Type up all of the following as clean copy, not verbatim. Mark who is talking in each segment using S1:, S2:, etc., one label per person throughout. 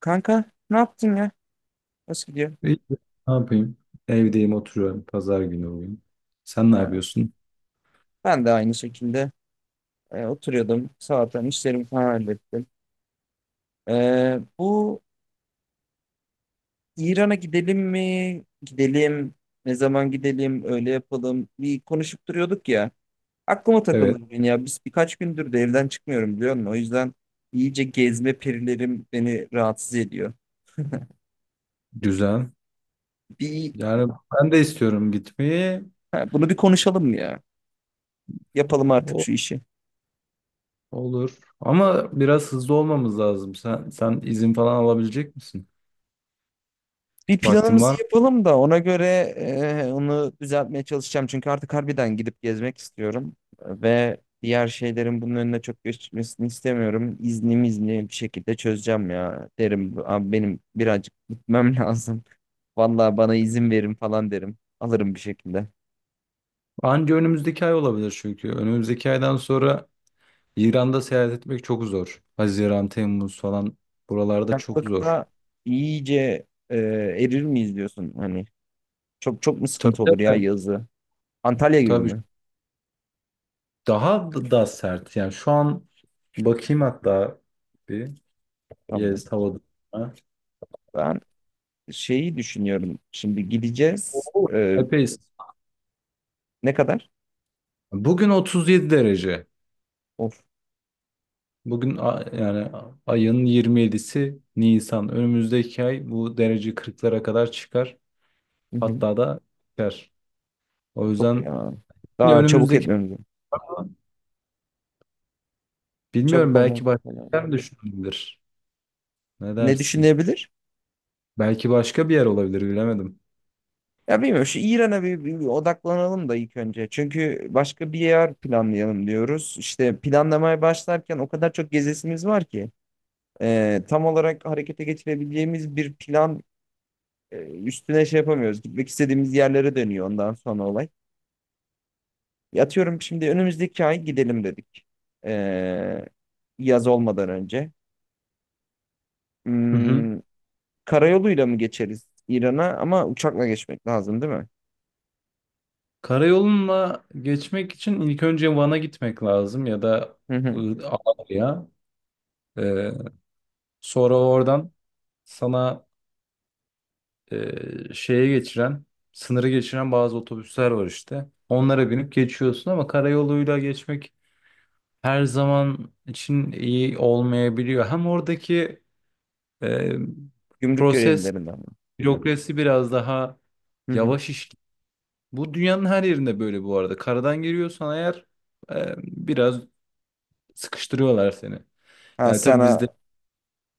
S1: Kanka ne yaptın ya? Nasıl gidiyor?
S2: İyi, ne yapayım? Evdeyim, oturuyorum. Pazar günü bugün. Sen ne
S1: Ee,
S2: yapıyorsun?
S1: ben de aynı şekilde oturuyordum. Sabahtan işlerimi falan hallettim. Bu İran'a gidelim mi? Gidelim. Ne zaman gidelim? Öyle yapalım. Bir konuşup duruyorduk ya. Aklıma takıldı
S2: Evet,
S1: bugün ya. Biz birkaç gündür de evden çıkmıyorum biliyor musun? O yüzden iyice gezme perilerim beni rahatsız ediyor.
S2: güzel.
S1: Bir,
S2: Yani ben de istiyorum gitmeyi.
S1: ha, bunu bir konuşalım mı ya? Yapalım artık
S2: O
S1: şu işi.
S2: olur. Ama biraz hızlı olmamız lazım. Sen izin falan alabilecek misin?
S1: Bir
S2: Vaktin
S1: planımızı
S2: var mı?
S1: yapalım da ona göre onu düzeltmeye çalışacağım. Çünkü artık harbiden gidip gezmek istiyorum. Ve diğer şeylerin bunun önüne çok geçmesini istemiyorum. İzni bir şekilde çözeceğim ya. Derim abi benim birazcık gitmem lazım. Vallahi bana izin verin falan derim. Alırım bir şekilde.
S2: Anca önümüzdeki ay olabilir çünkü. Önümüzdeki aydan sonra İran'da seyahat etmek çok zor. Haziran, Temmuz falan buralarda çok zor.
S1: Sıcaklıkta iyice erir miyiz diyorsun hani. Çok çok mu
S2: Tabii,
S1: sıkıntı olur ya
S2: tabii.
S1: yazı? Antalya gibi
S2: Tabii
S1: mi?
S2: daha da sert. Yani şu an bakayım hatta bir.
S1: Tamam.
S2: Yes, havada. Ha?
S1: Ben şeyi düşünüyorum. Şimdi gideceğiz.
S2: Oo, epey.
S1: Ne kadar?
S2: Bugün 37 derece.
S1: Of.
S2: Bugün yani ayın 27'si Nisan. Önümüzdeki ay bu derece 40'lara kadar çıkar.
S1: Hı hı.
S2: Hatta da çıkar. O
S1: Çok
S2: yüzden
S1: ya.
S2: yine
S1: Daha çabuk
S2: önümüzdeki,
S1: etmemiz lazım.
S2: bilmiyorum,
S1: Çabuk olmamız
S2: belki
S1: çok
S2: başka
S1: önemli.
S2: bir yer mi düşünülebilir? Ne
S1: Ne
S2: dersin?
S1: düşünebilir?
S2: Belki başka bir yer olabilir, bilemedim.
S1: Ya bilmiyorum, şu İran'a bir odaklanalım da ilk önce. Çünkü başka bir yer planlayalım diyoruz. İşte planlamaya başlarken o kadar çok gezesimiz var ki. Tam olarak harekete geçirebileceğimiz bir plan e, üstüne şey yapamıyoruz. Gitmek istediğimiz yerlere dönüyor ondan sonra olay. Ya atıyorum, şimdi önümüzdeki ay gidelim dedik. E, yaz olmadan önce.
S2: Hı hı.
S1: Hmm, Karayoluyla mı geçeriz İran'a, ama uçakla geçmek lazım değil mi?
S2: Karayolunla geçmek için ilk önce Van'a gitmek lazım ya da
S1: Hı hı.
S2: Ağrı'ya. Ee, Sonra oradan sana, şeye geçiren, sınırı geçiren bazı otobüsler var işte. Onlara binip geçiyorsun ama karayoluyla geçmek her zaman için iyi olmayabiliyor. Hem oradaki e,
S1: Gümrük
S2: proses,
S1: görevlilerinden mi?
S2: bürokrasi biraz daha
S1: Hı hı.
S2: yavaş işliyor. Bu dünyanın her yerinde böyle bu arada. Karadan giriyorsan eğer, biraz sıkıştırıyorlar seni.
S1: Ha
S2: Yani tabii
S1: sana.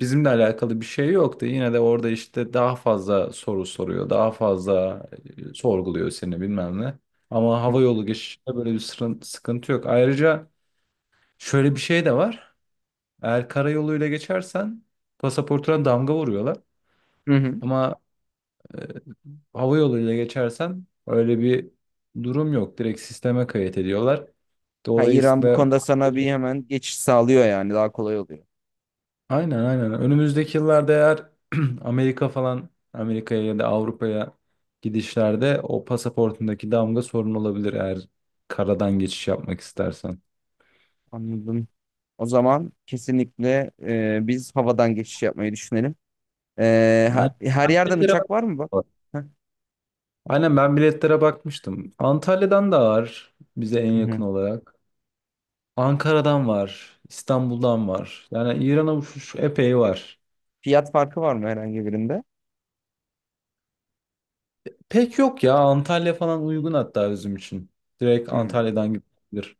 S2: bizimle alakalı bir şey yoktu. Yine de orada işte daha fazla soru soruyor, daha fazla sorguluyor seni bilmem ne. Ama
S1: Hı
S2: hava yolu geçişinde böyle bir sıkıntı yok. Ayrıca şöyle bir şey de var. Eğer karayoluyla geçersen pasaportuna damga vuruyorlar.
S1: hı. Hı.
S2: Ama e, hava yoluyla geçersen öyle bir durum yok. Direkt sisteme kayıt ediyorlar.
S1: Ha, İran bu
S2: Dolayısıyla.
S1: konuda sana bir hemen geçiş sağlıyor yani daha kolay oluyor.
S2: Aynen, aynen. Önümüzdeki yıllarda eğer Amerika falan, Amerika'ya ya da Avrupa'ya gidişlerde o pasaportundaki damga sorun olabilir, eğer karadan geçiş yapmak istersen.
S1: Anladım. O zaman kesinlikle biz havadan geçiş yapmayı düşünelim.
S2: Aynen.
S1: Her yerden
S2: Biletlere
S1: uçak var mı bak?
S2: bak.
S1: Heh.
S2: Aynen, ben biletlere bakmıştım. Antalya'dan da var, bize en
S1: Hı hı.
S2: yakın olarak. Ankara'dan var, İstanbul'dan var. Yani İran'a uçuş epey var.
S1: Fiyat farkı var mı herhangi birinde?
S2: Pek yok ya, Antalya falan uygun hatta bizim için. Direkt
S1: Hmm.
S2: Antalya'dan gidilir.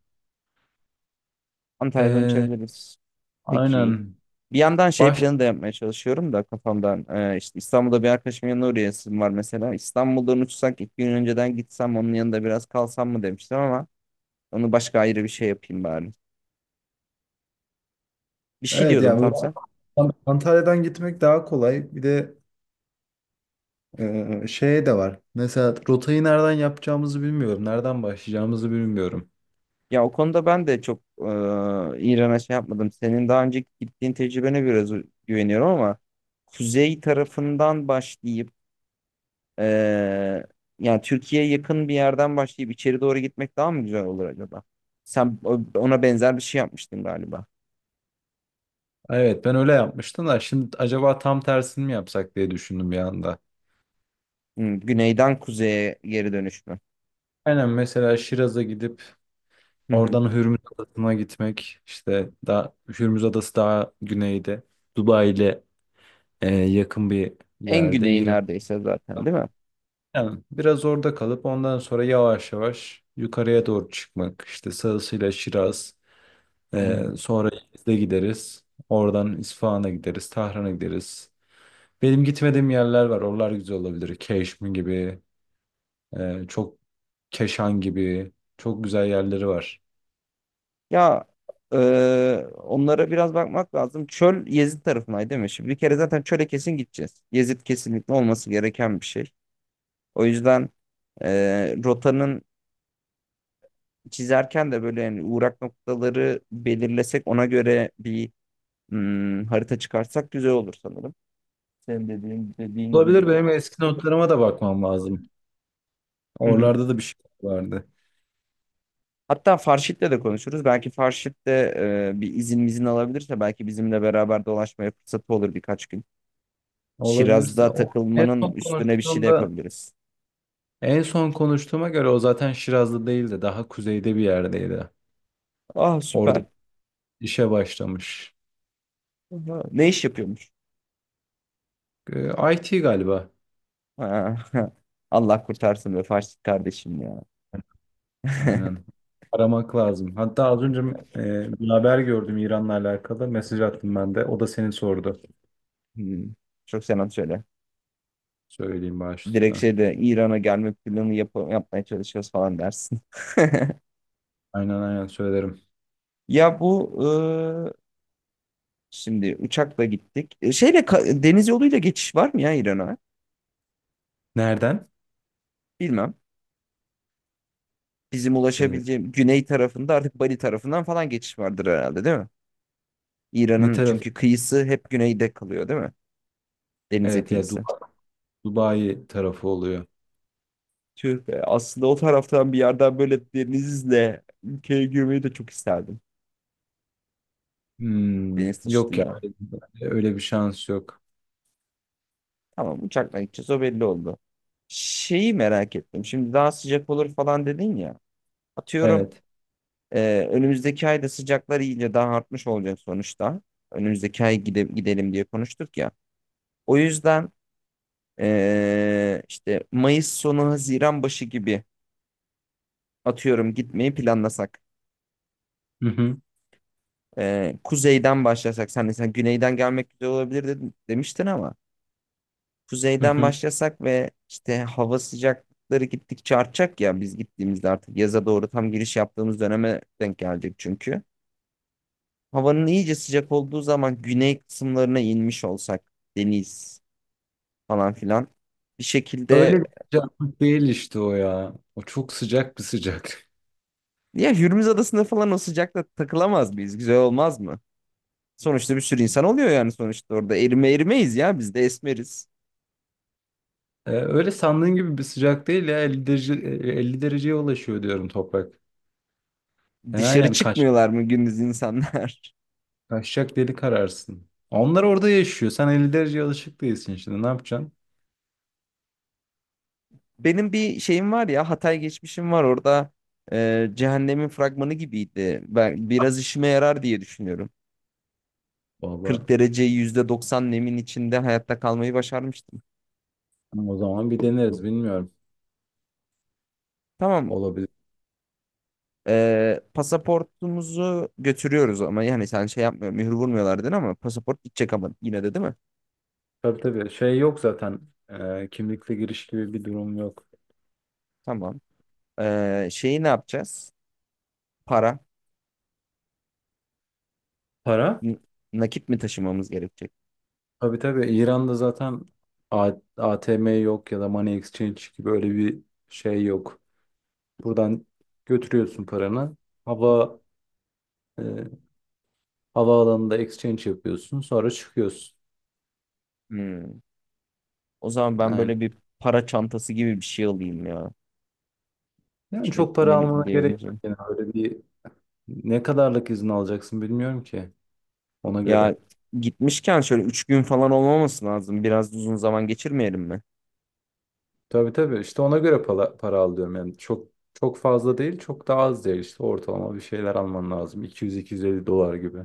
S1: Antalya'dan
S2: Ee,
S1: uçabiliriz. Peki.
S2: aynen.
S1: Bir yandan şey
S2: Baş
S1: planı da yapmaya çalışıyorum da kafamdan. İşte İstanbul'da bir arkadaşımın yanına uğrayasım var mesela. İstanbul'dan uçsak ilk gün önceden gitsem onun yanında biraz kalsam mı demiştim ama onu başka ayrı bir şey yapayım bari. Bir şey
S2: Evet
S1: diyordun
S2: ya,
S1: tam
S2: bu
S1: sen.
S2: Antalya'dan gitmek daha kolay. Bir de şey de var. Mesela rotayı nereden yapacağımızı bilmiyorum. Nereden başlayacağımızı bilmiyorum.
S1: Ya o konuda ben de çok İran'a şey yapmadım. Senin daha önce gittiğin tecrübene biraz güveniyorum ama kuzey tarafından başlayıp Ee, yani Türkiye'ye yakın bir yerden başlayıp içeri doğru gitmek daha mı güzel olur acaba? Ona benzer bir şey yapmıştın galiba.
S2: Evet, ben öyle yapmıştım da şimdi acaba tam tersini mi yapsak diye düşündüm bir anda.
S1: Hmm, güneyden kuzeye geri dönüş mü?
S2: Aynen, mesela Şiraz'a gidip
S1: Hı hı.
S2: oradan Hürmüz Adası'na gitmek. İşte daha, Hürmüz Adası daha güneyde. Dubai ile yakın bir
S1: En
S2: yerde.
S1: güneyi
S2: İran.
S1: neredeyse zaten değil mi?
S2: Yani biraz orada kalıp ondan sonra yavaş yavaş yukarıya doğru çıkmak. İşte sağısıyla Şiraz,
S1: Hı hı.
S2: sonra İzle gideriz. Oradan İsfahan'a gideriz, Tahran'a gideriz. Benim gitmediğim yerler var. Oralar güzel olabilir. Keşmi gibi, çok Keşan gibi çok güzel yerleri var.
S1: Ya e, onlara biraz bakmak lazım. Çöl Yezid tarafındaydı değil mi? Şimdi bir kere zaten çöle kesin gideceğiz. Yezid kesinlikle olması gereken bir şey. O yüzden rotanın çizerken de böyle yani uğrak noktaları belirlesek ona göre bir harita çıkartsak güzel olur sanırım. Senin dediğin
S2: Olabilir,
S1: gibi de.
S2: benim eski notlarıma da bakmam lazım.
S1: Hı hı.
S2: Oralarda da bir şey vardı.
S1: Hatta Farşit'le de konuşuruz. Belki Farşit de bir izin mizin alabilirse belki bizimle beraber dolaşmaya fırsatı olur birkaç gün.
S2: Olabilirse,
S1: Şiraz'da
S2: o
S1: takılmanın üstüne bir şey de yapabiliriz.
S2: en son konuştuğuma göre o zaten Şiraz'da değildi. Daha kuzeyde bir yerdeydi.
S1: Ah,
S2: Orada
S1: süper.
S2: işe başlamış.
S1: Aha. Ne iş yapıyormuş?
S2: IT galiba.
S1: Ha, Allah kurtarsın be Farşit kardeşim ya.
S2: Aynen. Aramak lazım. Hatta az önce bir haber gördüm İran'la alakalı. Mesaj attım ben de. O da seni sordu.
S1: Hmm. Çok selam söyle.
S2: Söyleyeyim
S1: Direkt
S2: başta.
S1: şeyde İran'a gelme planı yapmaya çalışıyoruz falan dersin.
S2: Aynen, aynen söylerim.
S1: Ya bu, şimdi uçakla gittik. Deniz yoluyla geçiş var mı ya İran'a?
S2: Nereden?
S1: Bilmem. Bizim
S2: Ee,
S1: ulaşabileceğim güney tarafında artık Bali tarafından falan geçiş vardır herhalde değil mi?
S2: Ne
S1: İran'ın
S2: taraf?
S1: çünkü kıyısı hep güneyde kalıyor değil mi? Denize
S2: Evet ya,
S1: kıyısı.
S2: Dubai, Dubai tarafı oluyor.
S1: Tüh be, aslında o taraftan bir yerden böyle denizle ülkeye girmeyi de çok isterdim.
S2: Hmm,
S1: Deniz
S2: yok ya.
S1: taşıtıyla.
S2: Öyle bir şans yok.
S1: Tamam, uçakla gideceğiz, o belli oldu. Şeyi merak ettim. Şimdi daha sıcak olur falan dedin ya. Atıyorum,
S2: Evet.
S1: Önümüzdeki ayda sıcaklar iyice daha artmış olacak sonuçta. Önümüzdeki ay gidelim diye konuştuk ya. O yüzden işte Mayıs sonu Haziran başı gibi atıyorum gitmeyi planlasak.
S2: Hı hı.
S1: Kuzeyden başlasak. Sen de sen güneyden gelmek güzel olabilir demiştin ama
S2: Hı
S1: kuzeyden
S2: hı.
S1: başlasak ve işte hava sıcakları gittikçe artacak ya, biz gittiğimizde artık yaza doğru tam giriş yaptığımız döneme denk gelecek çünkü. Havanın iyice sıcak olduğu zaman güney kısımlarına inmiş olsak, deniz falan filan bir
S2: Öyle
S1: şekilde.
S2: bir sıcaklık değil işte o ya. O çok sıcak bir sıcak.
S1: Ya Hürmüz Adası'nda falan o sıcakta takılamaz mıyız? Güzel olmaz mı? Sonuçta bir sürü insan oluyor, yani sonuçta orada erimeyiz ya, biz de esmeriz.
S2: Öyle sandığın gibi bir sıcak değil ya, 50 derece, 50 dereceye ulaşıyor diyorum, toprak. Fena,
S1: Dışarı
S2: yani
S1: çıkmıyorlar mı gündüz insanlar?
S2: kaçacak deli kararsın. Onlar orada yaşıyor. Sen 50 dereceye alışık değilsin şimdi. Ne yapacaksın?
S1: Benim bir şeyim var ya, Hatay geçmişim var, orada cehennemin fragmanı gibiydi. Ben biraz işime yarar diye düşünüyorum. 40
S2: Vallahi
S1: derece %90 nemin içinde hayatta kalmayı başarmıştım.
S2: o zaman bir deneriz, bilmiyorum.
S1: Tamam.
S2: Olabilir.
S1: Pasaportumuzu götürüyoruz ama, yani sen şey yapmıyor, mühür vurmuyorlar dedin ama pasaport gidecek ama yine de değil mi?
S2: Tabii, tabii şey yok zaten. Kimlikle giriş gibi bir durum yok.
S1: Tamam. Şeyi ne yapacağız? Para.
S2: Para?
S1: N- Nakit mi taşımamız gerekecek?
S2: Tabii, tabii İran'da zaten ATM yok ya da money exchange gibi öyle bir şey yok. Buradan götürüyorsun paranı. Hava Havaalanında exchange yapıyorsun, sonra çıkıyorsun.
S1: Hmm. O zaman ben
S2: Yani,
S1: böyle bir para çantası gibi bir şey alayım ya.
S2: yani, çok
S1: Kilitli
S2: para
S1: mi
S2: almana gerek yok.
S1: diyebileceğim.
S2: Yani öyle bir, ne kadarlık izin alacaksın bilmiyorum ki, ona
S1: Ya
S2: göre.
S1: gitmişken şöyle 3 gün falan olmaması lazım. Biraz uzun zaman geçirmeyelim mi?
S2: Tabii, tabii işte ona göre para, para al diyorum. Yani çok çok fazla değil, çok da az değil. İşte ortalama bir şeyler alman lazım. 200-250 dolar gibi.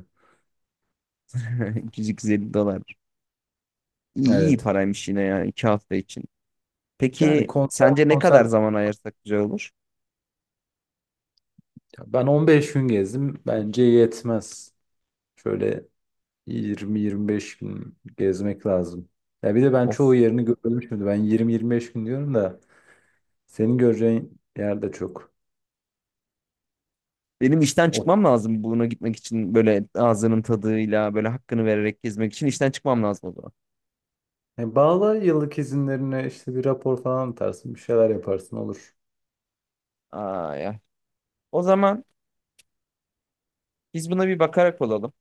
S1: 250 dolar. İyi, iyi
S2: Evet.
S1: paraymış yine yani 2 hafta için.
S2: Yani
S1: Peki
S2: konser
S1: sence ne kadar
S2: konser
S1: zaman ayırsak güzel olur?
S2: ben 15 gün gezdim. Bence yetmez. Şöyle 20-25 gün gezmek lazım. Ya bir de ben çoğu
S1: Of.
S2: yerini görmedim şimdi. Ben 20-25 gün diyorum da senin göreceğin yer de çok.
S1: Benim işten
S2: O,
S1: çıkmam lazım buna, gitmek için böyle ağzının tadıyla böyle hakkını vererek gezmek için işten çıkmam lazım o zaman.
S2: yani bağla yıllık izinlerine, işte bir rapor falan atarsın. Bir şeyler yaparsın, olur.
S1: Ay, ay. O zaman biz buna bir bakarak olalım.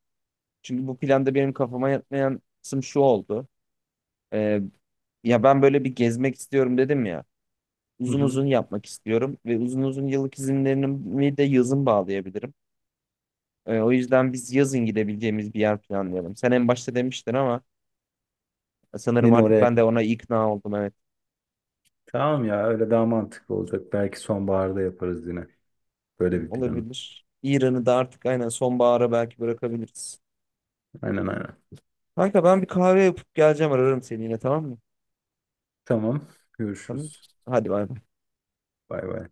S1: Çünkü bu planda benim kafama yatmayan kısım şu oldu. Ee, ya ben böyle bir gezmek istiyorum dedim ya.
S2: Hı
S1: Uzun
S2: hı.
S1: uzun yapmak istiyorum ve uzun uzun yıllık izinlerimi de yazın bağlayabilirim. O yüzden biz yazın gidebileceğimiz bir yer planlayalım. Sen en başta demiştin ama sanırım
S2: Yeni
S1: artık
S2: oraya.
S1: ben de ona ikna oldum. Evet.
S2: Tamam ya, öyle daha mantıklı olacak. Belki sonbaharda yaparız yine. Böyle bir planı.
S1: Olabilir. İran'ı da artık aynen sonbahara belki bırakabiliriz.
S2: Aynen, aynen.
S1: Kanka, ben bir kahve yapıp geleceğim, ararım seni yine, tamam mı?
S2: Tamam.
S1: Tamam.
S2: Görüşürüz.
S1: Hadi bay bay.
S2: Bay bay.